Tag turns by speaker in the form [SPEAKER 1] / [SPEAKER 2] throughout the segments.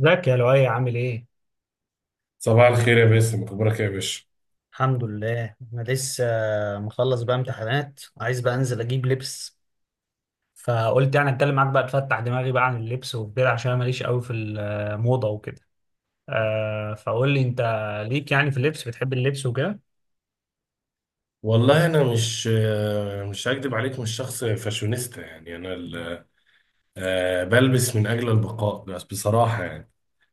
[SPEAKER 1] ازيك يا لؤي عامل ايه؟
[SPEAKER 2] صباح الخير يا باسم، اخبارك إيه يا باشا؟
[SPEAKER 1] الحمد لله انا لسه مخلص بقى امتحانات، عايز بقى انزل اجيب لبس، فقلت يعني اتكلم معاك بقى تفتح دماغي بقى عن اللبس وكده عشان انا ماليش قوي في الموضه وكده. آه، فقول لي انت ليك يعني في اللبس؟ بتحب اللبس وكده؟
[SPEAKER 2] والله انا مش هكدب عليك، مش شخص فاشونيستا يعني. انا ال- آه، بلبس من اجل البقاء، بس بصراحة يعني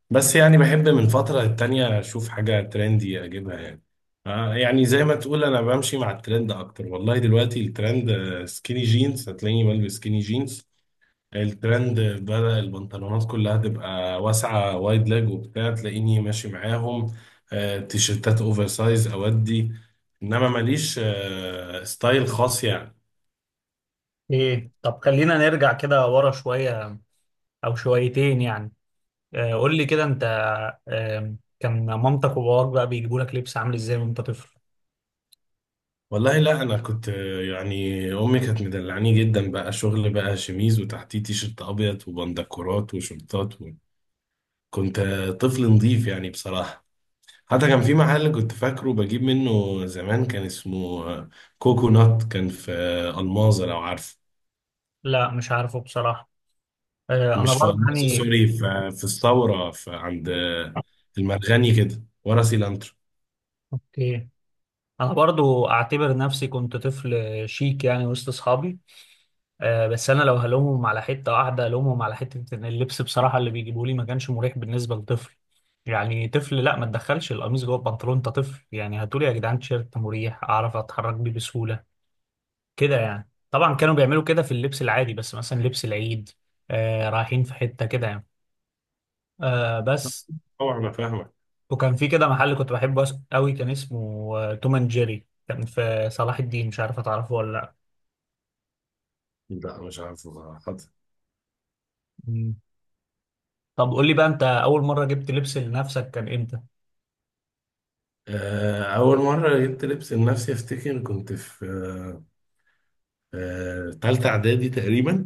[SPEAKER 2] بس يعني بحب من فترة للتانية اشوف حاجة ترندي اجيبها يعني. يعني زي ما تقول انا بمشي مع الترند اكتر. والله دلوقتي الترند سكيني جينز، هتلاقيني بلبس سكيني جينز. الترند بدأ البنطلونات كلها تبقى واسعة، وايد لاج وبتاع، تلاقيني ماشي معاهم. تيشيرتات اوفر سايز اودي. انما ماليش ستايل خاص يعني.
[SPEAKER 1] ايه، طب خلينا نرجع كده ورا شويه او شويتين يعني. آه، قول لي كده انت. آه، كان مامتك وباباك بقى بيجيبوا لك لبس عامل ازاي وانت طفل؟
[SPEAKER 2] والله لا، انا كنت يعني امي كانت مدلعاني جدا، بقى شغل بقى شميز وتحتيه تيشيرت ابيض وبندكورات وشورتات و... كنت طفل نظيف يعني بصراحة. حتى كان في محل كنت فاكره بجيب منه زمان، كان اسمه كوكونات، كان في الماظة لو عارفه.
[SPEAKER 1] لا مش عارفه بصراحه. آه، انا
[SPEAKER 2] مش في
[SPEAKER 1] برضه
[SPEAKER 2] النص،
[SPEAKER 1] يعني
[SPEAKER 2] سوري، في الثوره، في عند المرغني كده ورا سيلانترو.
[SPEAKER 1] اوكي، انا برضو اعتبر نفسي كنت طفل شيك يعني وسط اصحابي. بس انا لو هلومهم على حته واحده هلومهم على حته ان اللبس بصراحه اللي بيجيبوه لي ما كانش مريح بالنسبه لطفل. يعني طفل، لا ما تدخلش القميص جوه البنطلون، انت طفل يعني، هاتولي يا جدعان تيشيرت مريح اعرف اتحرك بيه بسهوله كده يعني. طبعا كانوا بيعملوا كده في اللبس العادي، بس مثلا لبس العيد رايحين في حته كده يعني. آه، بس
[SPEAKER 2] طبعا انا فاهمك.
[SPEAKER 1] وكان في كده محل كنت بحبه قوي، كان اسمه توم اند جيري، كان في صلاح الدين، مش عارف هتعرفه ولا
[SPEAKER 2] لا مش عارف بصراحه، حاضر.
[SPEAKER 1] لا. طب قول لي بقى، انت اول مره جبت لبس لنفسك كان امتى؟
[SPEAKER 2] اول مره جبت لبس لنفسي افتكر كنت في تالتة اعدادي تقريبا،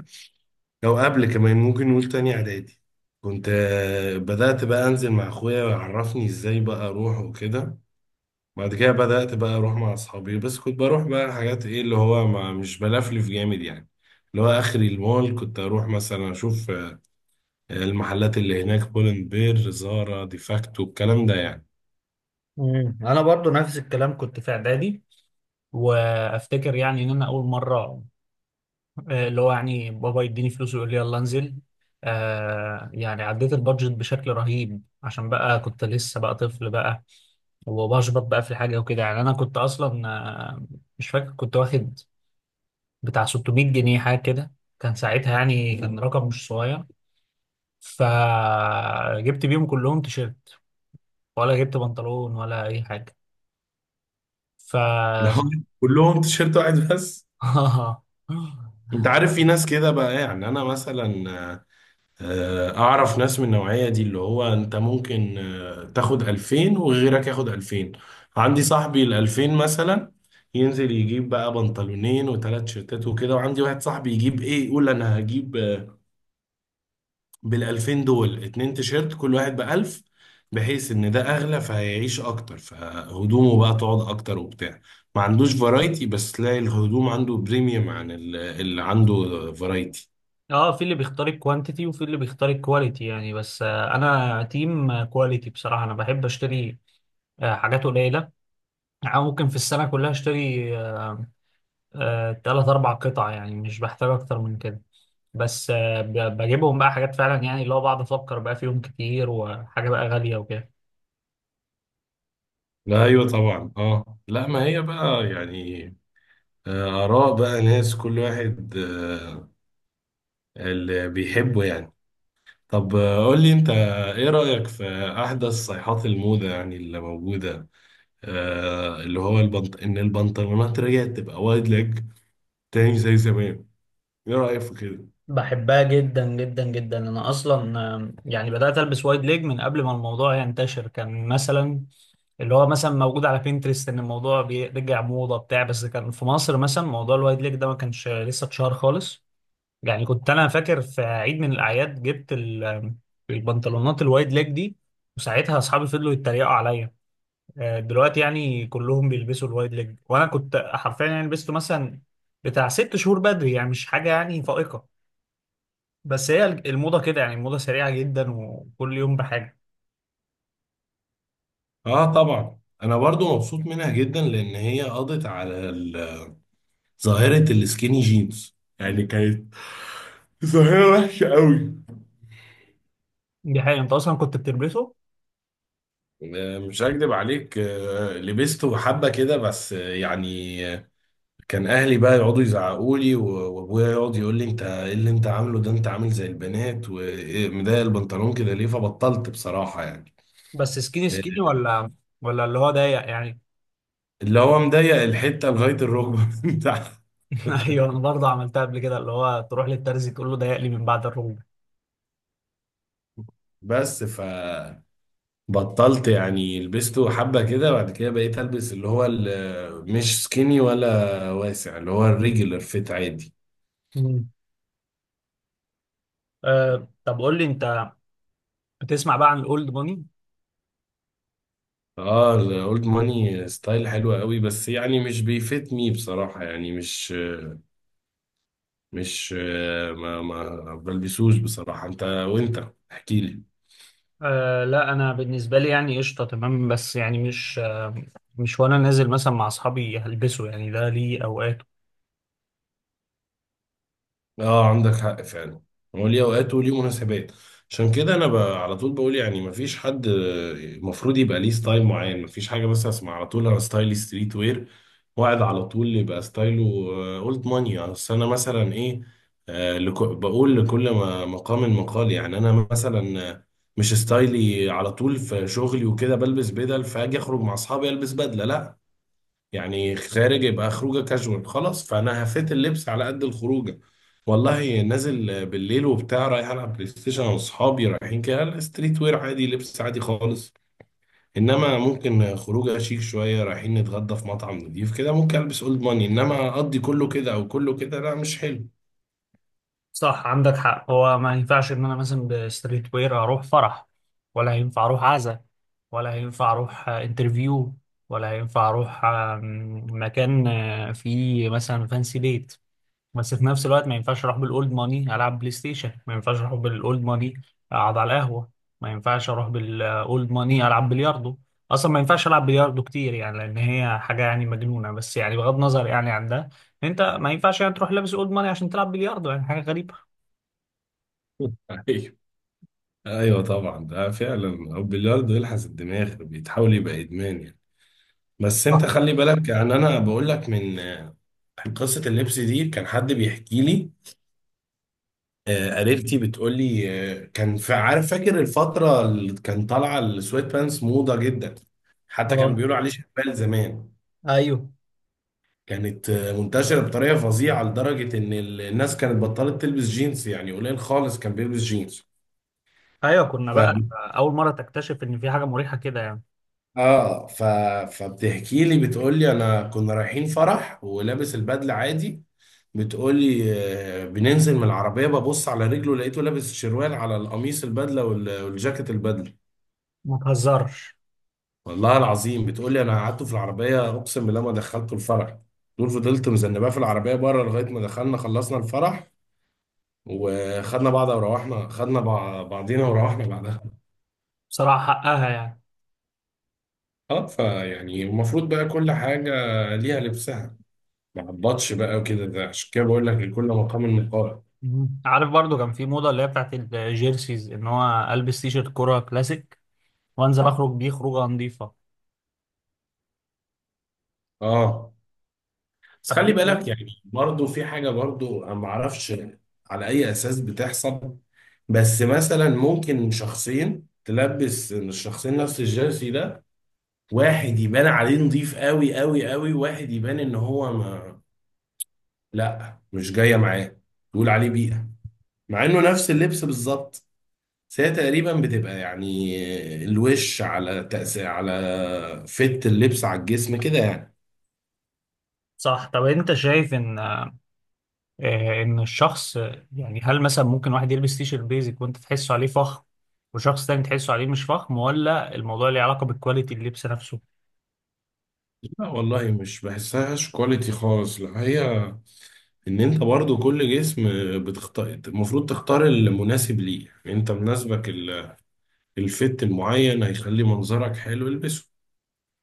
[SPEAKER 2] او قبل كمان، ممكن نقول تاني اعدادي. كنت بدات بقى انزل مع اخويا ويعرفني ازاي بقى اروح وكده. بعد كده بدأت بقى أروح مع أصحابي، بس كنت بروح بقى حاجات، إيه اللي هو ما مش بلفلف جامد يعني. اللي هو آخري المول، كنت أروح مثلا أشوف المحلات اللي هناك: بولن بير، زارا، ديفاكتو، الكلام ده يعني.
[SPEAKER 1] انا برضو نفس الكلام، كنت في اعدادي. وافتكر يعني ان انا اول مره، اللي هو يعني بابا يديني فلوس ويقول لي يلا انزل، آه يعني عديت البادجت بشكل رهيب عشان بقى كنت لسه بقى طفل بقى، وبشبط بقى في الحاجه وكده يعني. انا كنت اصلا مش فاكر، كنت واخد بتاع 600 جنيه حاجه كده، كان ساعتها يعني كان رقم مش صغير، فجبت بيهم كلهم تيشيرت، ولا جبت بنطلون ولا اي حاجه. ف...
[SPEAKER 2] كلهم تيشيرت واحد بس. أنت عارف في ناس كده بقى، يعني أنا مثلا آه، اعرف ناس من النوعية دي، اللي هو انت ممكن تاخد 2000 وغيرك ياخد 2000. عندي صاحبي ال 2000 مثلا ينزل يجيب بقى بنطلونين وثلاث شيرتات وكده، وعندي واحد صاحبي يجيب ايه، يقول انا هجيب بال 2000 دول اتنين تيشيرت، كل واحد ب 1000، بحيث ان ده اغلى فهيعيش اكتر، فهدومه بقى تقعد اكتر وبتاع. ما عندوش فرايتي، بس تلاقي الهدوم عنده بريميوم عن اللي عنده فرايتي.
[SPEAKER 1] اه، في اللي بيختار الكوانتيتي وفي اللي بيختار الكواليتي يعني. بس انا تيم كواليتي بصراحه، انا بحب اشتري حاجات قليله، يعني ممكن في السنه كلها اشتري تلات اربع قطع، يعني مش بحتاج اكتر من كده. بس بجيبهم بقى حاجات فعلا يعني، اللي هو بقعد افكر بقى فيهم كتير، وحاجه بقى غاليه وكده.
[SPEAKER 2] لا ايوه طبعا، اه لا، ما هي بقى يعني آراء بقى ناس، كل واحد اللي بيحبه يعني. طب قول لي أنت، إيه رأيك في أحدث صيحات الموضة يعني اللي موجودة، اللي هو إن البنطلونات رجعت تبقى وايد ليج تاني زي زمان؟ إيه رأيك في كده؟
[SPEAKER 1] بحبها جدا جدا جدا، انا اصلا يعني بدات البس وايد ليج من قبل ما الموضوع ينتشر، كان مثلا اللي هو مثلا موجود على بينترست ان الموضوع بيرجع موضه بتاع بس كان في مصر مثلا موضوع الوايد ليج ده ما كانش لسه اتشهر خالص. يعني كنت انا فاكر في عيد من الاعياد جبت البنطلونات الوايد ليج دي، وساعتها اصحابي فضلوا يتريقوا عليا. دلوقتي يعني كلهم بيلبسوا الوايد ليج، وانا كنت حرفيا يعني لبسته مثلا بتاع ست شهور بدري، يعني مش حاجه يعني فائقه. بس هي الموضة كده يعني، الموضة سريعة جدا وكل يوم بحاجة.
[SPEAKER 2] آه طبعا، أنا برضو مبسوط منها جدا، لأن هي قضت على ظاهرة السكيني جينز. يعني كانت ظاهرة وحشة قوي.
[SPEAKER 1] دي حقيقة، انت اصلا كنت بتلبسه؟
[SPEAKER 2] مش هكدب عليك، لبسته حبة كده، بس يعني كان اهلي بقى يقعدوا يزعقوا لي وابويا يقعد يقول لي انت ايه اللي انت عامله ده؟ انت عامل زي البنات، ومضايق البنطلون كده ليه؟ فبطلت بصراحة يعني.
[SPEAKER 1] بس سكيني
[SPEAKER 2] إيه،
[SPEAKER 1] سكيني ولا ولا اللي هو ضيق يعني؟
[SPEAKER 2] اللي هو مضيق الحتة لغاية الركبة من تحت.
[SPEAKER 1] ايوه، انا برضه عملتها قبل كده، اللي هو تروح للترزي تقول له ضيق لي من بعد الركبة.
[SPEAKER 2] بس ف بطلت يعني، لبسته حبة كده، بعد كده بقيت البس اللي هو مش سكيني ولا واسع، اللي هو الريجولر فيت عادي.
[SPEAKER 1] مم. طب قول لي انت، بتسمع بقى عن الاولد ماني؟
[SPEAKER 2] اه الاولد ماني ستايل حلو قوي، بس يعني مش بيفيتني بصراحة، يعني مش مش آه، ما ما بلبسوش بصراحة. انت، وانت احكي لي.
[SPEAKER 1] آه لا، انا بالنسبة لي يعني قشطة تمام، بس يعني مش، مش وانا نازل مثلا مع اصحابي هلبسه يعني، ده ليه اوقات.
[SPEAKER 2] اه عندك حق فعلا، هو ليه اوقات وليه مناسبات. عشان كده انا على طول بقول، يعني ما فيش حد المفروض يبقى ليه ستايل معين. ما فيش حاجة، بس اسمع على طول انا ستايلي ستريت وير، واحد على طول يبقى ستايله اولد ماني. اصل انا مثلا ايه، بقول لكل ما مقام مقال يعني. انا مثلا مش ستايلي على طول في شغلي وكده بلبس بدل فاجي، اخرج مع اصحابي البس بدله، لا. يعني خارج يبقى خروجه كاجوال خلاص، فانا هفيت اللبس على قد الخروجه. والله نازل بالليل وبتاع رايح العب بلاي ستيشن انا واصحابي رايحين كده، لا، ستريت وير عادي، لبس عادي خالص. انما ممكن خروجه شيك شويه رايحين نتغدى في مطعم نضيف كده ممكن البس اولد ماني، انما اقضي كله كده او كله كده لا مش حلو.
[SPEAKER 1] صح، عندك حق. هو ما ينفعش ان انا مثلا بستريت وير اروح فرح، ولا هينفع اروح عزا، ولا هينفع اروح انترفيو، ولا هينفع اروح مكان فيه مثلا فانسي ديت. بس في نفس الوقت ما ينفعش اروح بالاولد ماني العب بلاي ستيشن، ما ينفعش اروح بالاولد ماني اقعد على القهوه، ما ينفعش اروح بالاولد ماني العب بلياردو. اصلا ما ينفعش العب بلياردو كتير يعني لان هي حاجه يعني مجنونه، بس يعني بغض النظر يعني عن ده، انت ما ينفعش يعني تروح لابس اولد ماني عشان تلعب بلياردو، يعني حاجه غريبه.
[SPEAKER 2] ايوه، ايوه طبعا، ده فعلا. البلياردو يلحس الدماغ، بيتحول يبقى ادمان يعني. بس انت خلي
[SPEAKER 1] صح.
[SPEAKER 2] بالك، يعني انا بقول لك عن قصة اللبس دي، كان حد بيحكي لي. قريبتي بتقول لي، كان في، عارف فاكر الفترة اللي كان طالعة السويت بانس موضة جدا؟ حتى كانوا
[SPEAKER 1] اه،
[SPEAKER 2] بيقولوا عليه شبال زمان.
[SPEAKER 1] ايوه.
[SPEAKER 2] كانت منتشرة بطريقة فظيعة لدرجة ان الناس كانت بطلت تلبس جينز، يعني قليل خالص كان بيلبس جينز.
[SPEAKER 1] ايوه، كنا
[SPEAKER 2] ف...
[SPEAKER 1] بقى اول مره تكتشف ان في حاجه مريحه كده يعني.
[SPEAKER 2] اه ف... فبتحكي لي بتقول لي انا كنا رايحين فرح ولابس البدلة عادي. بتقولي بننزل من العربية، ببص على رجله لقيته لابس شروال على القميص البدلة والجاكيت البدلة.
[SPEAKER 1] ما تهزرش.
[SPEAKER 2] والله العظيم بتقولي أنا قعدته في العربية، أقسم بالله ما دخلته الفرح. دول فضلت مذنباه في العربية بره لغاية ما دخلنا خلصنا الفرح وخدنا بعض وروحنا، خدنا بعضينا وروحنا بعدها.
[SPEAKER 1] بصراحه حقها يعني.
[SPEAKER 2] اه فيعني المفروض بقى كل حاجة ليها لبسها، ما عبطش بقى وكده، ده عشان كده بقول لك لكل مقام مقال.
[SPEAKER 1] عارف، برضو كان في موضه اللي هي بتاعت الجيرسيز، ان هو البس تي شيرت كوره كلاسيك وانزل اخرج بيه خروجه نظيفه.
[SPEAKER 2] اه بس خلي
[SPEAKER 1] حبيت ده؟
[SPEAKER 2] بالك، يعني برضو في حاجة برضو أنا ما أعرفش على أي أساس بتحصل، بس مثلا ممكن شخصين تلبس الشخصين نفس الجيرسي ده، واحد يبان عليه نظيف قوي قوي قوي، واحد يبان إن هو ما لا مش جاية معاه، تقول عليه بيئة، مع إنه نفس اللبس بالظبط. بس هي تقريبا بتبقى يعني الوش على تأثير على فت اللبس على الجسم كده يعني.
[SPEAKER 1] صح. طب انت شايف ان ان الشخص، يعني هل مثلا ممكن واحد يلبس تي شيرت بيزك وانت تحسه عليه فخم، وشخص تاني تحسه عليه مش فخم؟ ولا الموضوع ليه علاقه بكواليتي اللبس نفسه؟
[SPEAKER 2] لا والله مش بحسهاش كواليتي خالص، لا، هي ان انت برضو كل جسم بتختار، المفروض تختار المناسب ليه، يعني انت مناسبك الفت المعين هيخلي منظرك حلو، البسه.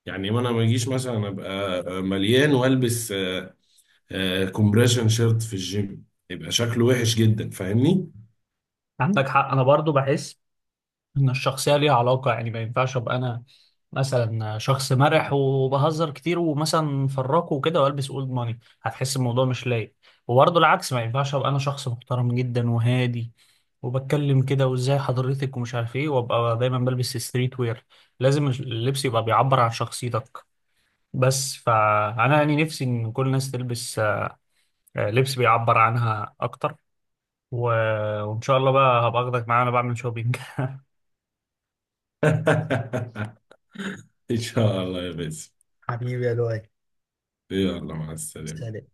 [SPEAKER 2] يعني ما انا ما اجيش مثلا ابقى مليان والبس كومبريشن شيرت في الجيم، يبقى شكله وحش جدا، فاهمني؟
[SPEAKER 1] عندك حق، انا برضو بحس ان الشخصيه ليها علاقه، يعني ما ينفعش ابقى انا مثلا شخص مرح وبهزر كتير ومثلا فراكه وكده والبس اولد ماني، هتحس الموضوع مش لايق. وبرضه العكس، ما ينفعش ابقى انا شخص محترم جدا وهادي وبتكلم كده وازاي حضرتك ومش عارف ايه، وابقى دايما بلبس ستريت وير. لازم اللبس يبقى بيعبر عن شخصيتك. بس فانا يعني نفسي ان كل الناس تلبس لبس بيعبر عنها اكتر. و... وان شاء الله بقى هبقى اخدك معايا وانا بعمل شوبينج.
[SPEAKER 2] ان شاء الله يا باسم،
[SPEAKER 1] حبيبي يا لؤي.
[SPEAKER 2] يلا مع السلامة.
[SPEAKER 1] سلام.